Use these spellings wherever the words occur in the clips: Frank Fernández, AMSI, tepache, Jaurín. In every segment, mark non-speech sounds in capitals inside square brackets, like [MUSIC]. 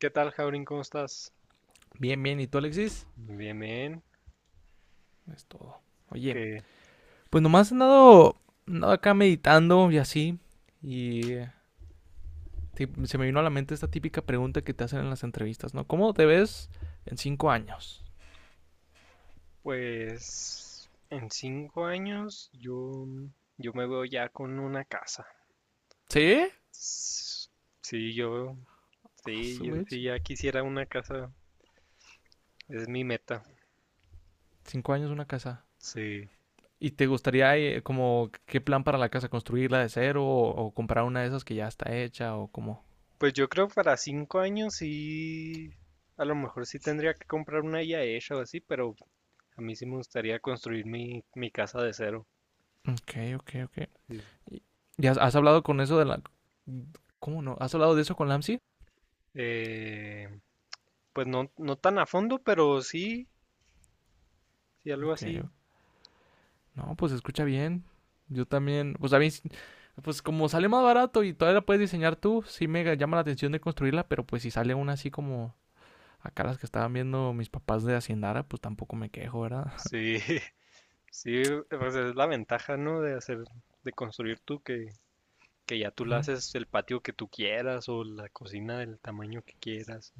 ¿Qué tal, Jaurín? ¿Cómo estás? Bien, bien. ¿Y tú, Alexis? Bien, bien. Es todo. Oye, Que pues nomás he andado acá meditando y así. Y se me vino a la mente esta típica pregunta que te hacen en las entrevistas, ¿no? ¿Cómo te ves en cinco años? Pues en 5 años yo me veo ya con una casa. ¿Sí? S- Sí, yo, Ah, sí, su yo mecha. sí ya quisiera una casa. Es mi meta. Cinco años una casa. Sí. ¿Y te gustaría, como, qué plan para la casa? ¿Construirla de cero o comprar una de esas que ya está hecha o cómo? Pues yo creo para 5 años sí, a lo mejor sí tendría que comprar una ya hecha o así, pero a mí sí me gustaría construir mi casa de cero. Ok, ok, ok. Sí. ¿Y y has hablado con eso de la... ¿Cómo no? ¿Has hablado de eso con Lamsi? Eh, pues no, no tan a fondo, pero sí, sí algo Ok. así. No, pues se escucha bien. Yo también, pues a mí, pues como sale más barato y todavía la puedes diseñar tú, sí me llama la atención de construirla, pero pues si sale una así como acá las que estaban viendo mis papás de Haciendara, pues tampoco me quejo, ¿verdad? Sí, [LAUGHS] sí, pues es la ventaja, ¿no? De construir tú que ya [LAUGHS] tú le Ujú. haces el patio que tú quieras o la cocina del tamaño que quieras.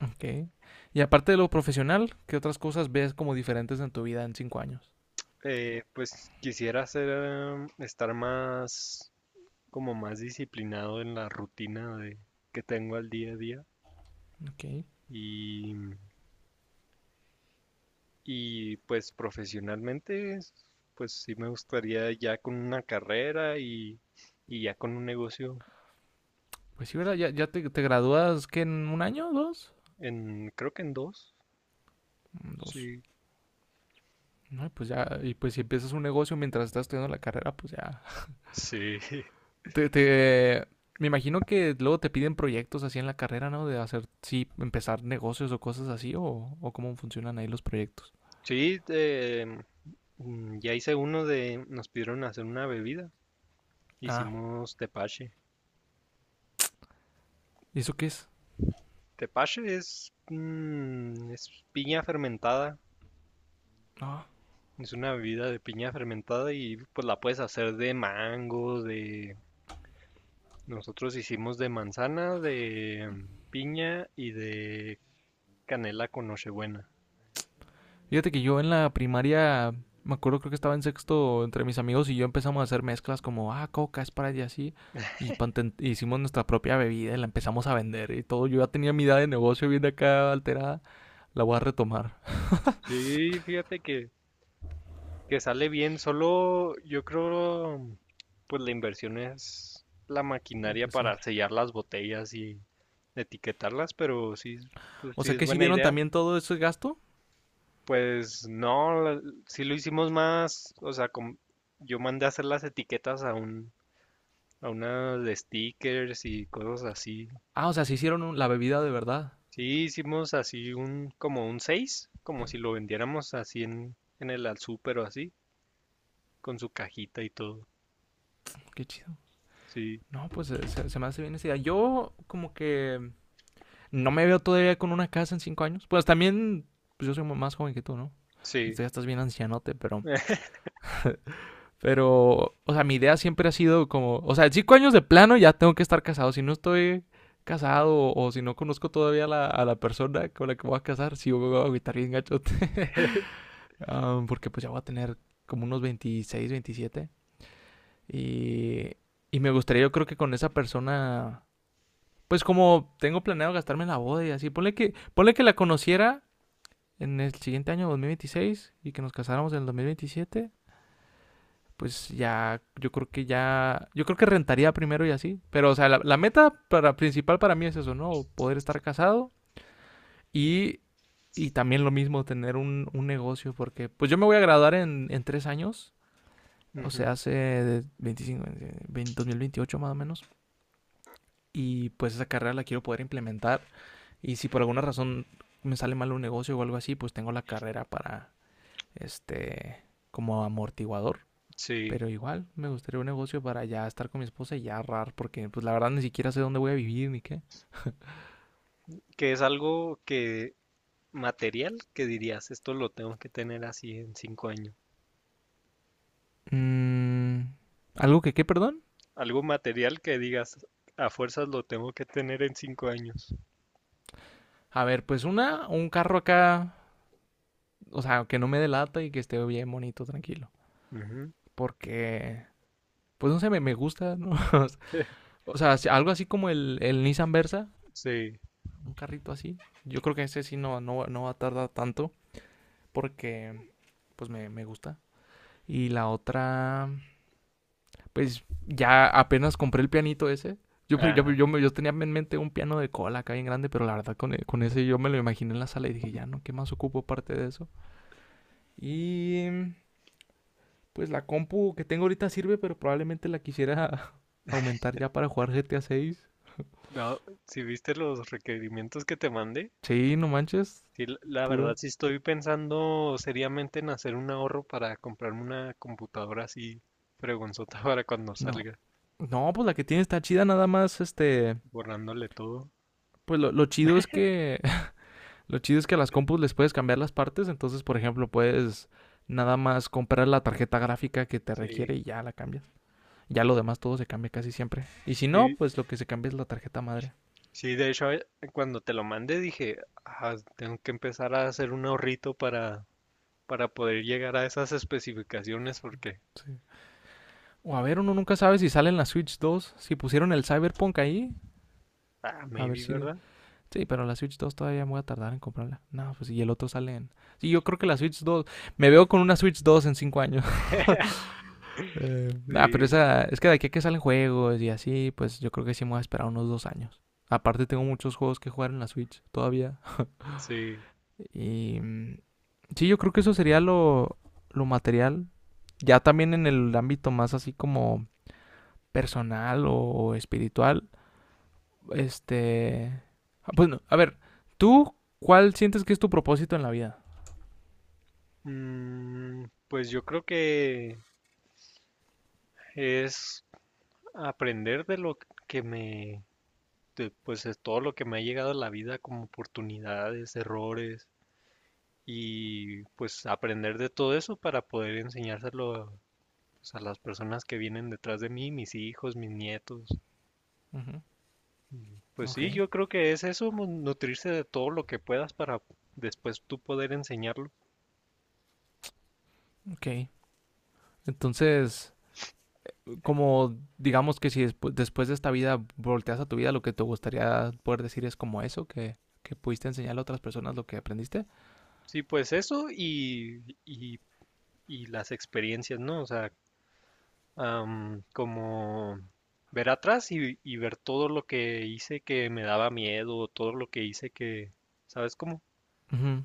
Ok. Y aparte de lo profesional, ¿qué otras cosas ves como diferentes en tu vida en cinco años? Pues quisiera estar más, como más disciplinado en la rutina de, que tengo al día a día Ok. y, y pues profesionalmente, pues sí me gustaría ya con una carrera y ya con un negocio Pues sí, ¿verdad? Ya te gradúas, ¿qué? ¿En un año? ¿Dos? Creo que en dos, Mm. Dos. sí. No, y pues ya, y pues si empiezas un negocio mientras estás estudiando la carrera, pues ya Sí, [LAUGHS] Te, te- me imagino que luego te piden proyectos así en la carrera, ¿no? De hacer, sí, empezar negocios o cosas así, o cómo funcionan ahí los proyectos. sí, ya hice uno de, nos pidieron hacer una bebida, Ah, hicimos tepache. ¿y eso qué es? Tepache es, es piña fermentada, Ah. es una bebida de piña fermentada y pues la puedes hacer de mango, de, nosotros hicimos de manzana, de piña y de canela con nochebuena. Fíjate que yo en la primaria, me acuerdo creo que estaba en sexto, entre mis amigos y yo empezamos a hacer mezclas como, coca, es para y así. Y hicimos nuestra propia bebida y la empezamos a vender y todo. Yo ya tenía mi edad de negocio bien acá alterada. La voy a retomar. Sí, fíjate que sale bien, solo yo creo, pues la inversión es la Y maquinaria pues sí. para sellar las botellas y etiquetarlas, pero sí, pues O sí sea es que si buena vieron idea. también todo ese gasto. Pues no, sí lo hicimos más, o sea, yo mandé a hacer las etiquetas a unas de stickers y cosas así. Ah, o sea, se hicieron la bebida de verdad. Sí, hicimos así un, como un 6 como si lo vendiéramos así en, el al súper o así, con su cajita y todo. Qué chido. Sí, No, pues se me hace bien esa idea. Yo como que no me veo todavía con una casa en cinco años. Pues también, pues yo soy más joven que tú, ¿no? Tú sí. ya estás bien ancianote, pero... Pero, o sea, mi idea siempre ha sido como... O sea, en cinco años de plano ya tengo que estar casado. Si no estoy casado o si no conozco todavía a la persona con la que voy a casar, sí voy a agüitar bien gachote. [LAUGHS] Porque pues ya voy a tener como unos 26 veintisiete. Y, y me gustaría yo creo que con esa persona. Pues como tengo planeado gastarme en la boda y así, ponle que la conociera en el siguiente año 2026 y que nos casáramos en el 2027, pues ya, yo creo que rentaría primero y así. Pero, o sea, la meta principal para mí es eso, ¿no? Poder estar casado y, y también lo mismo, tener un negocio, porque pues yo me voy a graduar en tres años, o sea, hace 25, 20, 2028 más o menos. Y pues esa carrera la quiero poder implementar. Y si por alguna razón me sale mal un negocio o algo así, pues tengo la carrera para, este, como amortiguador. Sí, Pero igual me gustaría un negocio para ya estar con mi esposa y ya ahorrar, porque pues la verdad ni siquiera sé dónde voy a vivir ni qué. que es algo que material que dirías, esto lo tengo que tener así en 5 años. Mm. ¿Algo que qué, perdón? Algo material que digas, a fuerzas lo tengo que tener en 5 años. A ver, pues un carro acá, o sea, que no me delata y que esté bien bonito, tranquilo. Ujú, Porque, pues no sé, me gusta, ¿no? [LAUGHS] [LAUGHS] o sea, si, algo así como el Nissan Versa, Sí. un carrito así. Yo creo que ese sí no, no, no va a tardar tanto, porque pues me gusta. Y la otra, pues ya apenas compré el pianito ese. Yo, yo, Ah, yo, me- yo tenía en mente un piano de cola acá bien grande, pero la verdad con ese yo me lo imaginé en la sala y dije, ya no, ¿qué más ocupo aparte de eso? Y pues la compu que tengo ahorita sirve, pero probablemente la quisiera [LAUGHS] aumentar ya para jugar GTA 6. no, si viste los requerimientos que te mandé, Sí, no manches, sí, la pura. verdad sí estoy pensando seriamente en hacer un ahorro para comprarme una computadora así fregonzota [LAUGHS] para cuando No. salga, No, pues la que tiene está chida, nada más, este... borrándole todo. Pues lo chido es que a las compus les puedes cambiar las partes, entonces, por ejemplo, puedes nada más comprar la tarjeta gráfica que te Sí, requiere y ya la cambias. Ya lo demás todo se cambia casi siempre. Y si no, sí, pues lo que se cambia es la tarjeta madre. Sí, de hecho, cuando te lo mandé dije: "Ah, tengo que empezar a hacer un ahorrito para poder llegar a esas especificaciones porque, Sí. O a ver, uno nunca sabe si sale en la Switch 2, si pusieron el Cyberpunk ahí, a ver maybe, si... ¿verdad? Sí, pero la Switch 2 todavía me voy a tardar en comprarla. No, pues y el otro sale en... Sí, yo creo que la Switch dos. Me veo con una Switch 2 en 5 años. Pero Sí, esa, es que de aquí a que salen juegos y así, pues yo creo que sí me voy a esperar unos dos años. Aparte tengo muchos juegos que jugar en la Switch todavía. sí". Y sí, yo creo que eso sería lo material. Ya también en el ámbito más así como personal o espiritual. Este... pues no, a ver, ¿tú cuál sientes que es tu propósito en la vida? Pues yo creo que es aprender de lo que me, de, pues es todo lo que me ha llegado a la vida como oportunidades, errores y pues aprender de todo eso para poder enseñárselo a, pues, a las personas que vienen detrás de mí, mis hijos, mis nietos. Ujú. Y, pues Ok, sí, yo creo que es eso, nutrirse de todo lo que puedas para después tú poder enseñarlo. ok. Entonces, como digamos que si después de esta vida volteas a tu vida, lo que te gustaría poder decir es como eso, que pudiste enseñarle a otras personas lo que aprendiste. Sí, pues eso y las experiencias, ¿no? O sea, como ver atrás y ver todo lo que hice que me daba miedo, todo lo que hice que, ¿sabes cómo? Ujú.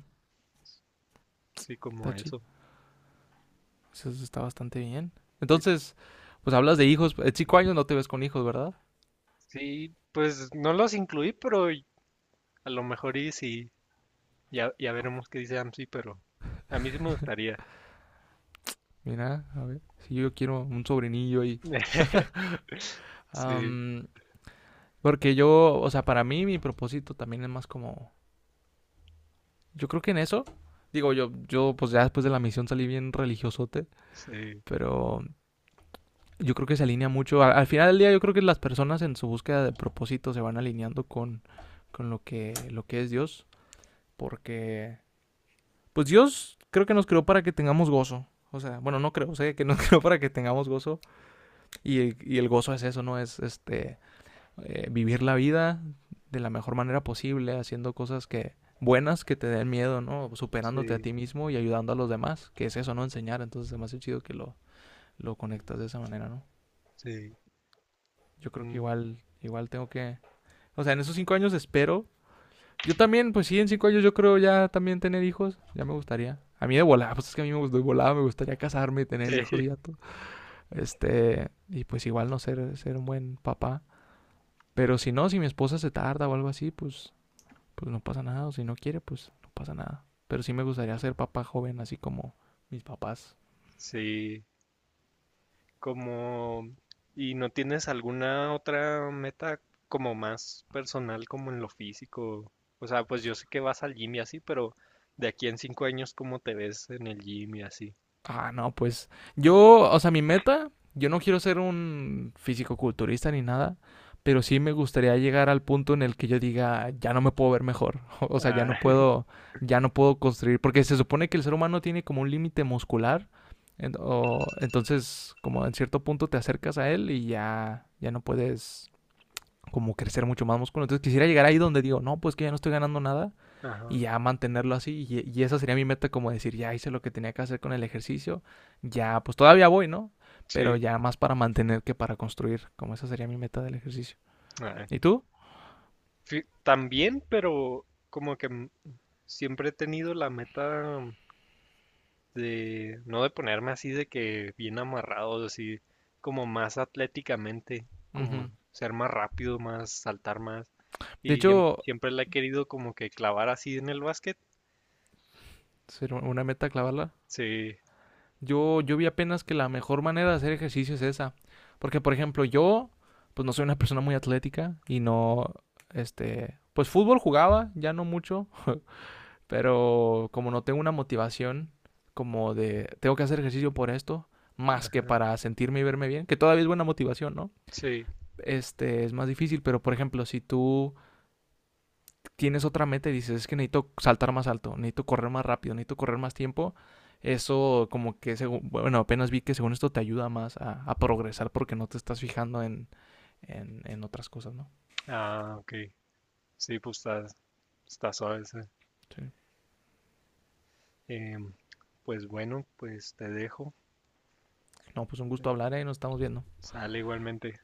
Sí, como Está chi- eso. Eso está bastante bien. Y Entonces, pues hablas de hijos. En cinco años no te ves con hijos, ¿verdad? sí, pues no los incluí, pero a lo mejor y sí, ya veremos qué dice AMSI, pero a mí sí me gustaría. Mira, a ver, si yo quiero un sobrinillo y... [LAUGHS] Sí, am, porque yo, o sea, para mí mi propósito también es más como... Yo creo que en eso, digo yo pues ya después de la misión salí bien religiosote, sí. pero yo creo que se alinea mucho. Al final del día yo creo que las personas en su búsqueda de propósito se van alineando con lo que es Dios. Porque, pues Dios creo que nos creó para que tengamos gozo. O sea, bueno, no creo, sé que nos [LAUGHS] creó para que tengamos gozo. Y, y el gozo es eso, ¿no? Es este vivir la vida de la mejor manera posible, haciendo cosas que buenas que te den miedo, ¿no? Superándote a Sí, ti mismo y ayudando a los demás, que es eso, ¿no? Enseñar. Entonces es más chido que lo conectas de esa manera, ¿no? sí. Yo creo que mm, igual, igual tengo que... O sea, en esos cinco años espero. Yo también, pues sí, en cinco años yo creo ya también tener hijos. Ya me gustaría. A mí de volada, pues es que a mí me gustó de volada, me gustaría casarme y tener hijos y ya [LAUGHS] todo. Este, y pues igual no ser, ser un buen papá. Pero si no, si mi esposa se tarda o algo así, pues no pasa nada. O si no quiere, pues no pasa nada. Pero sí me gustaría ser papá joven, así como mis papás. Sí, como... ¿Y no tienes alguna otra meta como más personal, como en lo físico? O sea, pues yo sé que vas al gym y así, pero de aquí en 5 años, ¿cómo te ves en el gym y así? Ah, no, pues yo, o sea, mi meta, yo no quiero ser un físico-culturista ni nada, pero sí me gustaría llegar al punto en el que yo diga, ya no me puedo ver mejor, [LAUGHS] o sea, ya Ah, no [LAUGHS] puedo, ya no puedo construir, porque se supone que el ser humano tiene como un límite muscular, entonces como en cierto punto te acercas a él y ya no puedes como crecer mucho más músculo, entonces quisiera llegar ahí donde digo, no, pues que ya no estoy ganando nada y ajá, ya mantenerlo así. Y esa sería mi meta, como decir, ya hice lo que tenía que hacer con el ejercicio, ya pues todavía voy, ¿no? Pero sí. ya más para mantener que para construir, como esa sería mi meta del ejercicio. Ah, ¿Y tú? También, pero como que siempre he tenido la meta de no de ponerme así de que bien amarrado, así como más atléticamente, Uh como -huh. ser más rápido, más saltar más. De Y siempre, hecho, siempre la he querido como que clavar así en el básquet. ser una meta clavarla. Sí, Yo vi apenas que la mejor manera de hacer ejercicio es esa. Porque, por ejemplo, yo, pues no soy una persona muy atlética y no, este, pues fútbol jugaba, ya no mucho. Pero como no tengo una motivación como de tengo que hacer ejercicio por esto, más que para sentirme y verme bien, que todavía es buena motivación, ¿no? sí. Este es más difícil, pero por ejemplo, si tú tienes otra meta y dices es que necesito saltar más alto, necesito correr más rápido, necesito correr más tiempo, eso como que según, bueno, apenas vi que según esto te ayuda más a progresar porque no te estás fijando en, otras cosas, ¿no? Ok. Sí, pues está suave, esa. Sí. Em, pues bueno, pues te dejo. No, pues un gusto hablar y ¿eh? Nos estamos viendo. Sale igualmente.